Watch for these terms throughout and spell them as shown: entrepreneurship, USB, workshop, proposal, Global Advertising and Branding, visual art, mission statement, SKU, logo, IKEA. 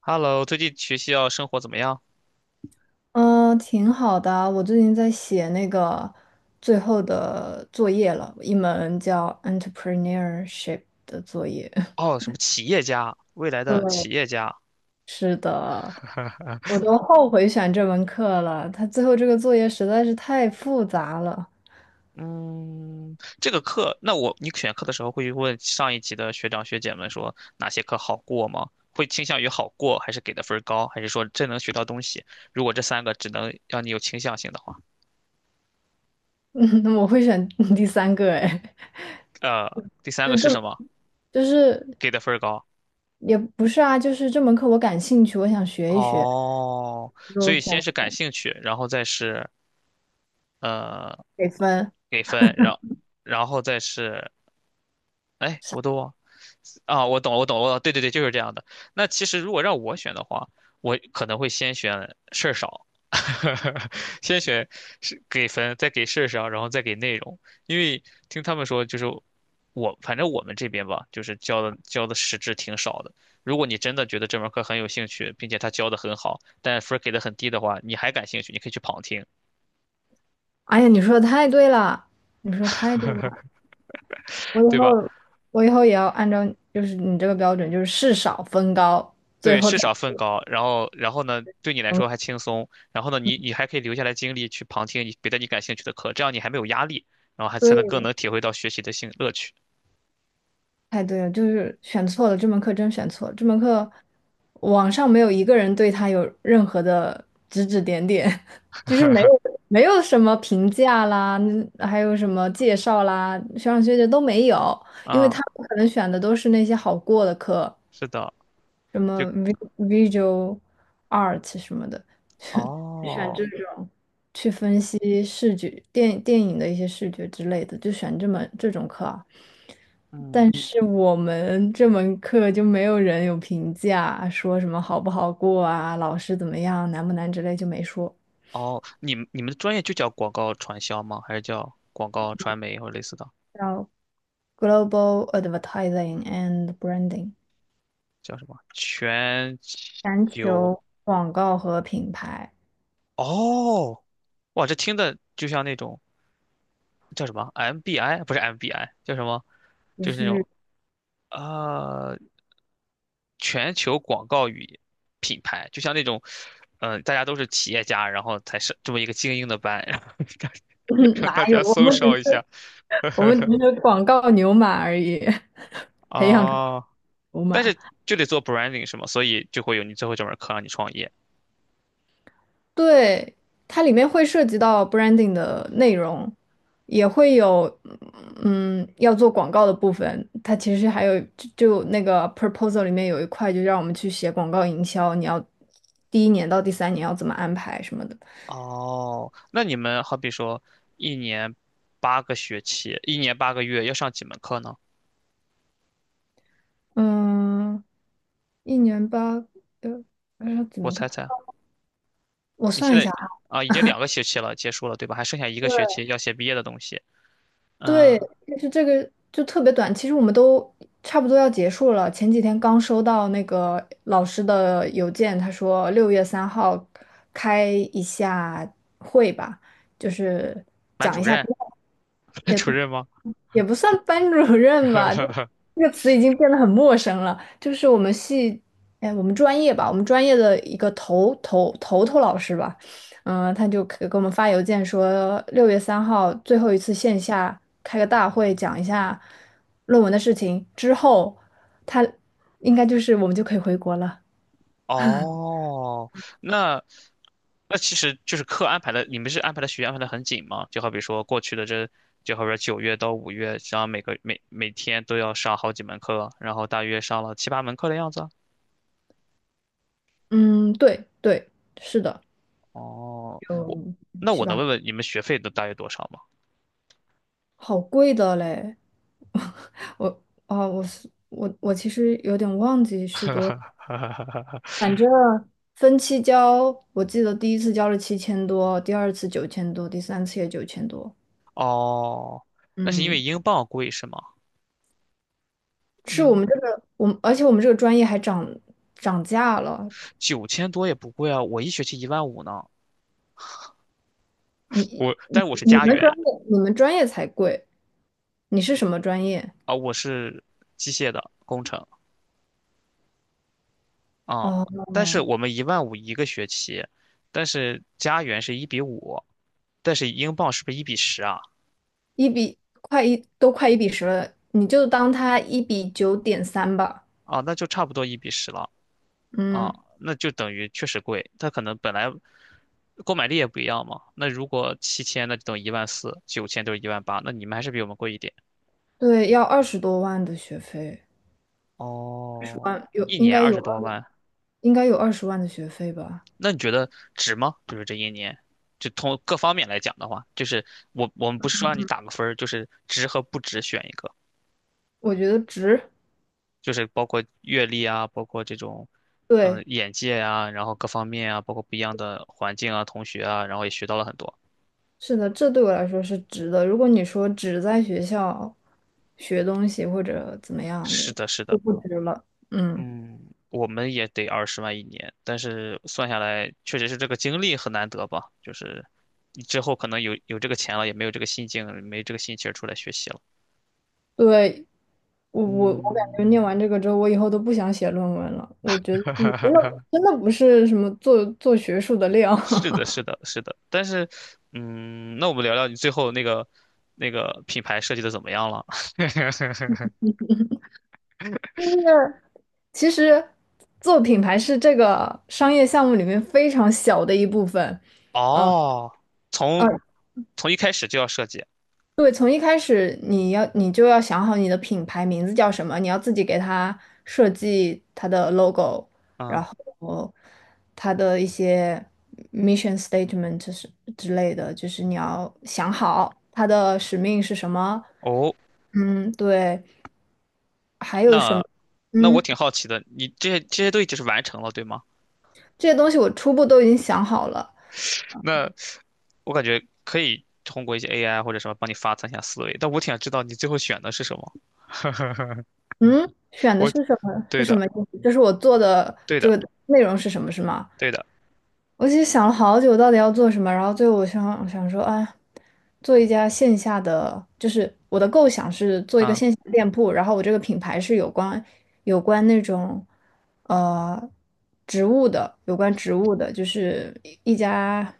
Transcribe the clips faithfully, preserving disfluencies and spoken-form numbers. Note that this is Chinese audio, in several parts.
Hello，最近学校生活怎么样？嗯，挺好的啊。我最近在写那个最后的作业了，一门叫 entrepreneurship 的作业。哦，什么企业家，未来的对，企业家。是的，我都后悔选这门课了。他最后这个作业实在是太复杂了。嗯，这个课，那我你选课的时候会问上一级的学长学姐们说哪些课好过吗？会倾向于好过，还是给的分儿高，还是说真能学到东西？如果这三个只能让你有倾向性的话，嗯，我会选 第三个，哎，呃，第三就个是这，什么？就是给的分儿高。也不是啊，就是这门课我感兴趣，我想学一学，哦，所就以先选是感兴趣，然后再是呃给分。给分，然然后再是哎，我都忘。啊，我懂了，我懂了，我懂了，对对对，就是这样的。那其实如果让我选的话，我可能会先选事儿少，先选是给分，再给事儿少，然后再给内容。因为听他们说，就是我反正我们这边吧，就是教的教的实质挺少的。如果你真的觉得这门课很有兴趣，并且他教的很好，但分儿给的很低的话，你还感兴趣，你可以去旁听，哎呀，你说的太对了，你说得太对了。我以对吧？后我以后也要按照就是你这个标准，就是事少分高，最对，后是的。少分高，然后然后呢，对你来说还轻松，然后呢，你你还可以留下来精力去旁听你别的你感兴趣的课，这样你还没有压力，然后还才能更对，能体会到学习的兴乐趣 太对了，就是选错了，这门课真选错了。这门课网上没有一个人对他有任何的指指点点，就是没有 没有什么评价啦，嗯还有什么介绍啦，学长学姐都没有，因为他啊，们可能选的都是那些好过的课，是的，什就么 vi- s u a l art 什么的，选哦，这种。去分析视觉电电影的一些视觉之类的，就选这门这种课啊。嗯，但是我们这门课就没有人有评价，说什么好不好过啊，老师怎么样，难不难之类就没说。哦，你们你们的专业就叫广告传销吗？还是叫广告传媒或者类似的？叫 Global Advertising and Branding，叫什么？全全球？球广告和品牌，哦，哇，这听的就像那种叫什么 M B I，不是 M B I，叫什么？不就是那是 种啊、呃全球广告与品牌，就像那种，嗯、大家都是企业家，然后才是这么一个精英的班，然后 大 让哪大有，家我搜们只烧一下我们只是广告牛马而已，培养出哦，牛但马。是就得做 branding 是吗？所以就会有你最后这门课让你创业。对，它里面会涉及到 branding 的内容，也会有嗯要做广告的部分。它其实还有就就那个 proposal 里面有一块，就让我们去写广告营销，你要第一年到第三年要怎么安排什么的。哦，那你们好比说一年八个学期，一年八个月要上几门课呢？嗯，一年八个，呃，怎我么个？猜猜，我你现算一在下。啊已经两个学期了，结束了对吧？还剩下一个学期要写毕业的东西。对，嗯，就是这个就特别短，其实我们都差不多要结束了。前几天刚收到那个老师的邮件，他说六月三号开一下会吧，就是班讲主一下，任，班也主任吗？也不算班主任吧，就 这个词已经变得很陌生了。就是我们系，哎，我们专业吧，我们专业的一个头头头头老师吧，嗯、他就给给我们发邮件说，六月三号最后一次线下开个大会，讲一下论文的事情，之后他应该就是我们就可以回国了。哦，那那其实就是课安排的，你们是安排的学业安排的很紧吗？就好比说过去的这，就好比说九月到五月，然后每个每每天都要上好几门课，然后大约上了七八门课的样子。嗯，对对，是的，哦，我有那七我能八。问问你们学费都大约多少吗？好贵的嘞！我啊，我是我我其实有点忘记是多 分期交，我记得第一次交了七千多，第二次九千多，第三次也九千多。哦，那是因为嗯，英镑贵是吗？是我英们这个我们，而且我们这个专业还涨涨价了。九千多也不贵啊，我一学期一万五呢。你我你但是我是你家们园专业你们专业才贵，你是什么专业？啊，我是机械的工程。啊，哦，但是我们一万五一个学期，但是加元是一比五，但是英镑是不是一比十啊？一比快一都快一比十了，你就当它一比九点三吧。啊，那就差不多一比十了啊，嗯。那就等于确实贵。它可能本来购买力也不一样嘛。那如果七千，那就等于一万四；九千就是一万八，那你们还是比我们贵一点。对，要二十多万的学费，二十哦，万有一应年该二有十二，多万，应该有二十万的学费吧？那你觉得值吗？就是这一年，就从各方面来讲的话，就是我我们不是说让你打个分儿，就是值和不值选一个。我觉得值。就是包括阅历啊，包括这种，嗯、对，眼界啊，然后各方面啊，包括不一样的环境啊，同学啊，然后也学到了很多。是的，这对我来说是值的。如果你说只在学校学东西或者怎么样的，是的，是的，就不值了。嗯，嗯，我们也得二十万一年，但是算下来，确实是这个经历很难得吧，就是你之后可能有有这个钱了，也没有这个心境，没这个心情出来学习了。对，我我我感觉嗯，念完这个之后，我以后都不想写论文了。我觉得你真的 真的不是什么做做学术的料。是的，是的，是的，但是，嗯，那我们聊聊你最后那个那个品牌设计的怎么样了？就是其实做品牌是这个商业项目里面非常小的一部分。嗯哦，从嗯，从一开始就要设计，对，从一开始你要你就要想好你的品牌名字叫什么，你要自己给它设计它的 logo，嗯，然后它的一些 mission statement 是之类的，就是你要想好它的使命是什么。哦，嗯，对，还有什么？那那我嗯，挺好奇的，你这些这些都已经是完成了，对吗？这些东西我初步都已经想好了。那我感觉可以通过一些 A I 或者什么帮你发散一下思维，但我挺想知道你最后选的是什么。嗯，选的我，是什么？对是什的，么意思？就是我做的对这的，个内容是什么，是吗？对的，我其实想了好久，到底要做什么。然后最后我想想说，啊，做一家线下的，就是我的构想是做一个嗯，线下的店铺。然后我这个品牌是有关有关那种呃植物的，有关植物的，就是一一家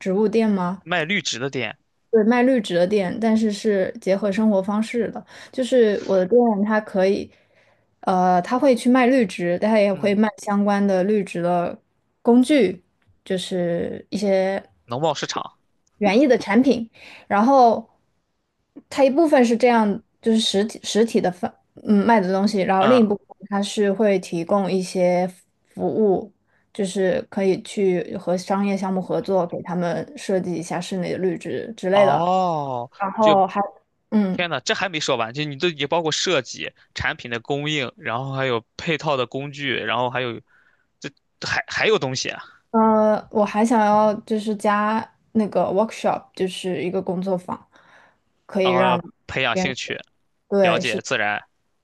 植物店吗？卖绿植的店，对，卖绿植的店，但是是结合生活方式的。就是我的店，它可以，呃，它会去卖绿植，但它也会嗯，卖相关的绿植的工具，就是一些农贸市场，园艺的产品。然后，它一部分是这样，就是实体实体的贩，嗯，卖的东西，然后另嗯，一部分它是会提供一些服务，就是可以去和商业项目合作，给他们设计一下室内的绿植之类的。哦，然就后还，嗯，天呐，这还没说完，就你都也包括设计、产品的供应，然后还有配套的工具，然后还有这还还有东西啊，呃，我还想要就是加那个 workshop，就是一个工作坊，可以然让后培养别兴人，趣，了对，解是，自然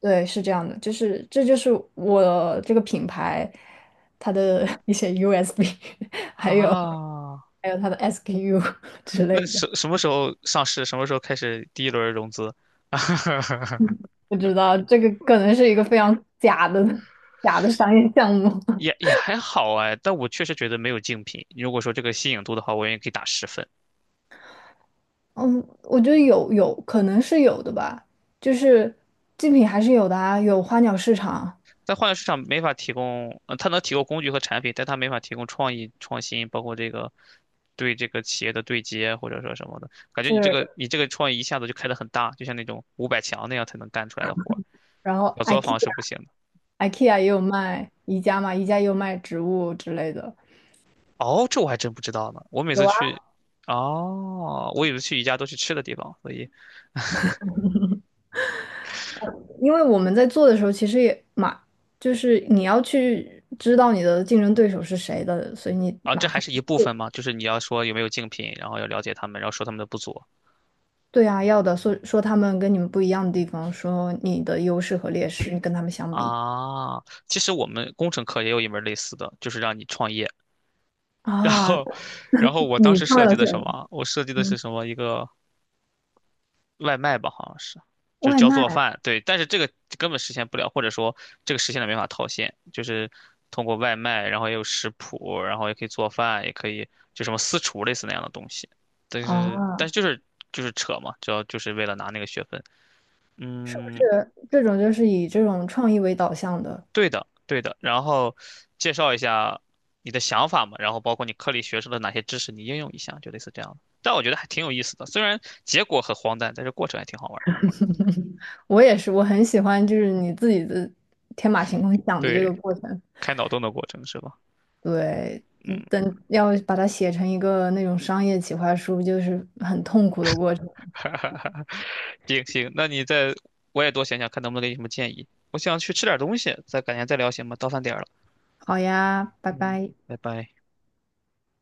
对，是这样的，就是这就是我这个品牌它的 一些 U S B，还有啊。还有它的 S K U 之类那的。什什么时候上市？什么时候开始第一轮融资？不知道，这个可能是一个非常假的 假的商业项目。也 也还好哎，但我确实觉得没有竞品。如果说这个吸引度的话，我愿意给打十分。嗯，我觉得有有可能是有的吧，就是竞品还是有的啊，有花鸟市场在换流市场没法提供，呃，它能提供工具和产品，但它没法提供创意、创新，包括这个对这个企业的对接或者说什么的。感觉你这个是，你这个创意一下子就开得很大，就像那种五百强那样才能干出来的活儿，然后 小作 IKEA 坊是不行的。IKEA 也有卖宜家嘛，宜家也有卖植物之类的，哦，这我还真不知道呢。我每有次啊。去，哦，我以为去宜家都去吃的地方，所以因为我们在做的时候，其实也马，就是你要去知道你的竞争对手是谁的，所以你啊，这马还上是一部分嘛，就是你要说有没有竞品，然后要了解他们，然后说他们的不足对啊，要的，说说他们跟你们不一样的地方，说你的优势和劣势，你跟他们相比啊。其实我们工程课也有一门类似的，就是让你创业。然啊，后，然后我当你时创设计了的的是什么？我设计的是嗯，什么？一个外卖吧，好像是，就外教卖做饭。对，但是这个根本实现不了，或者说这个实现了没法套现，就是通过外卖，然后也有食谱，然后也可以做饭，也可以就什么私厨类似那样的东西。但是，但啊，是就是就是扯嘛，主要就是为了拿那个学分。是不嗯，是这种就是以这种创意为导向的？对的，对的。然后介绍一下你的想法嘛，然后包括你课里学出的哪些知识，你应用一下，就类似这样的。但我觉得还挺有意思的，虽然结果很荒诞，但是过程还挺好玩的。我也是，我很喜欢就是你自己的天马行空想的这个对，过程。开脑洞的过程是吧？对，嗯嗯，等要把它写成一个那种商业企划书，就是很痛苦的过程。哈哈哈。行行，那你再我也多想想，看能不能给你什么建议。我想去吃点东西，再改天再聊行吗？到饭点儿了，好呀，拜嗯，拜。拜拜。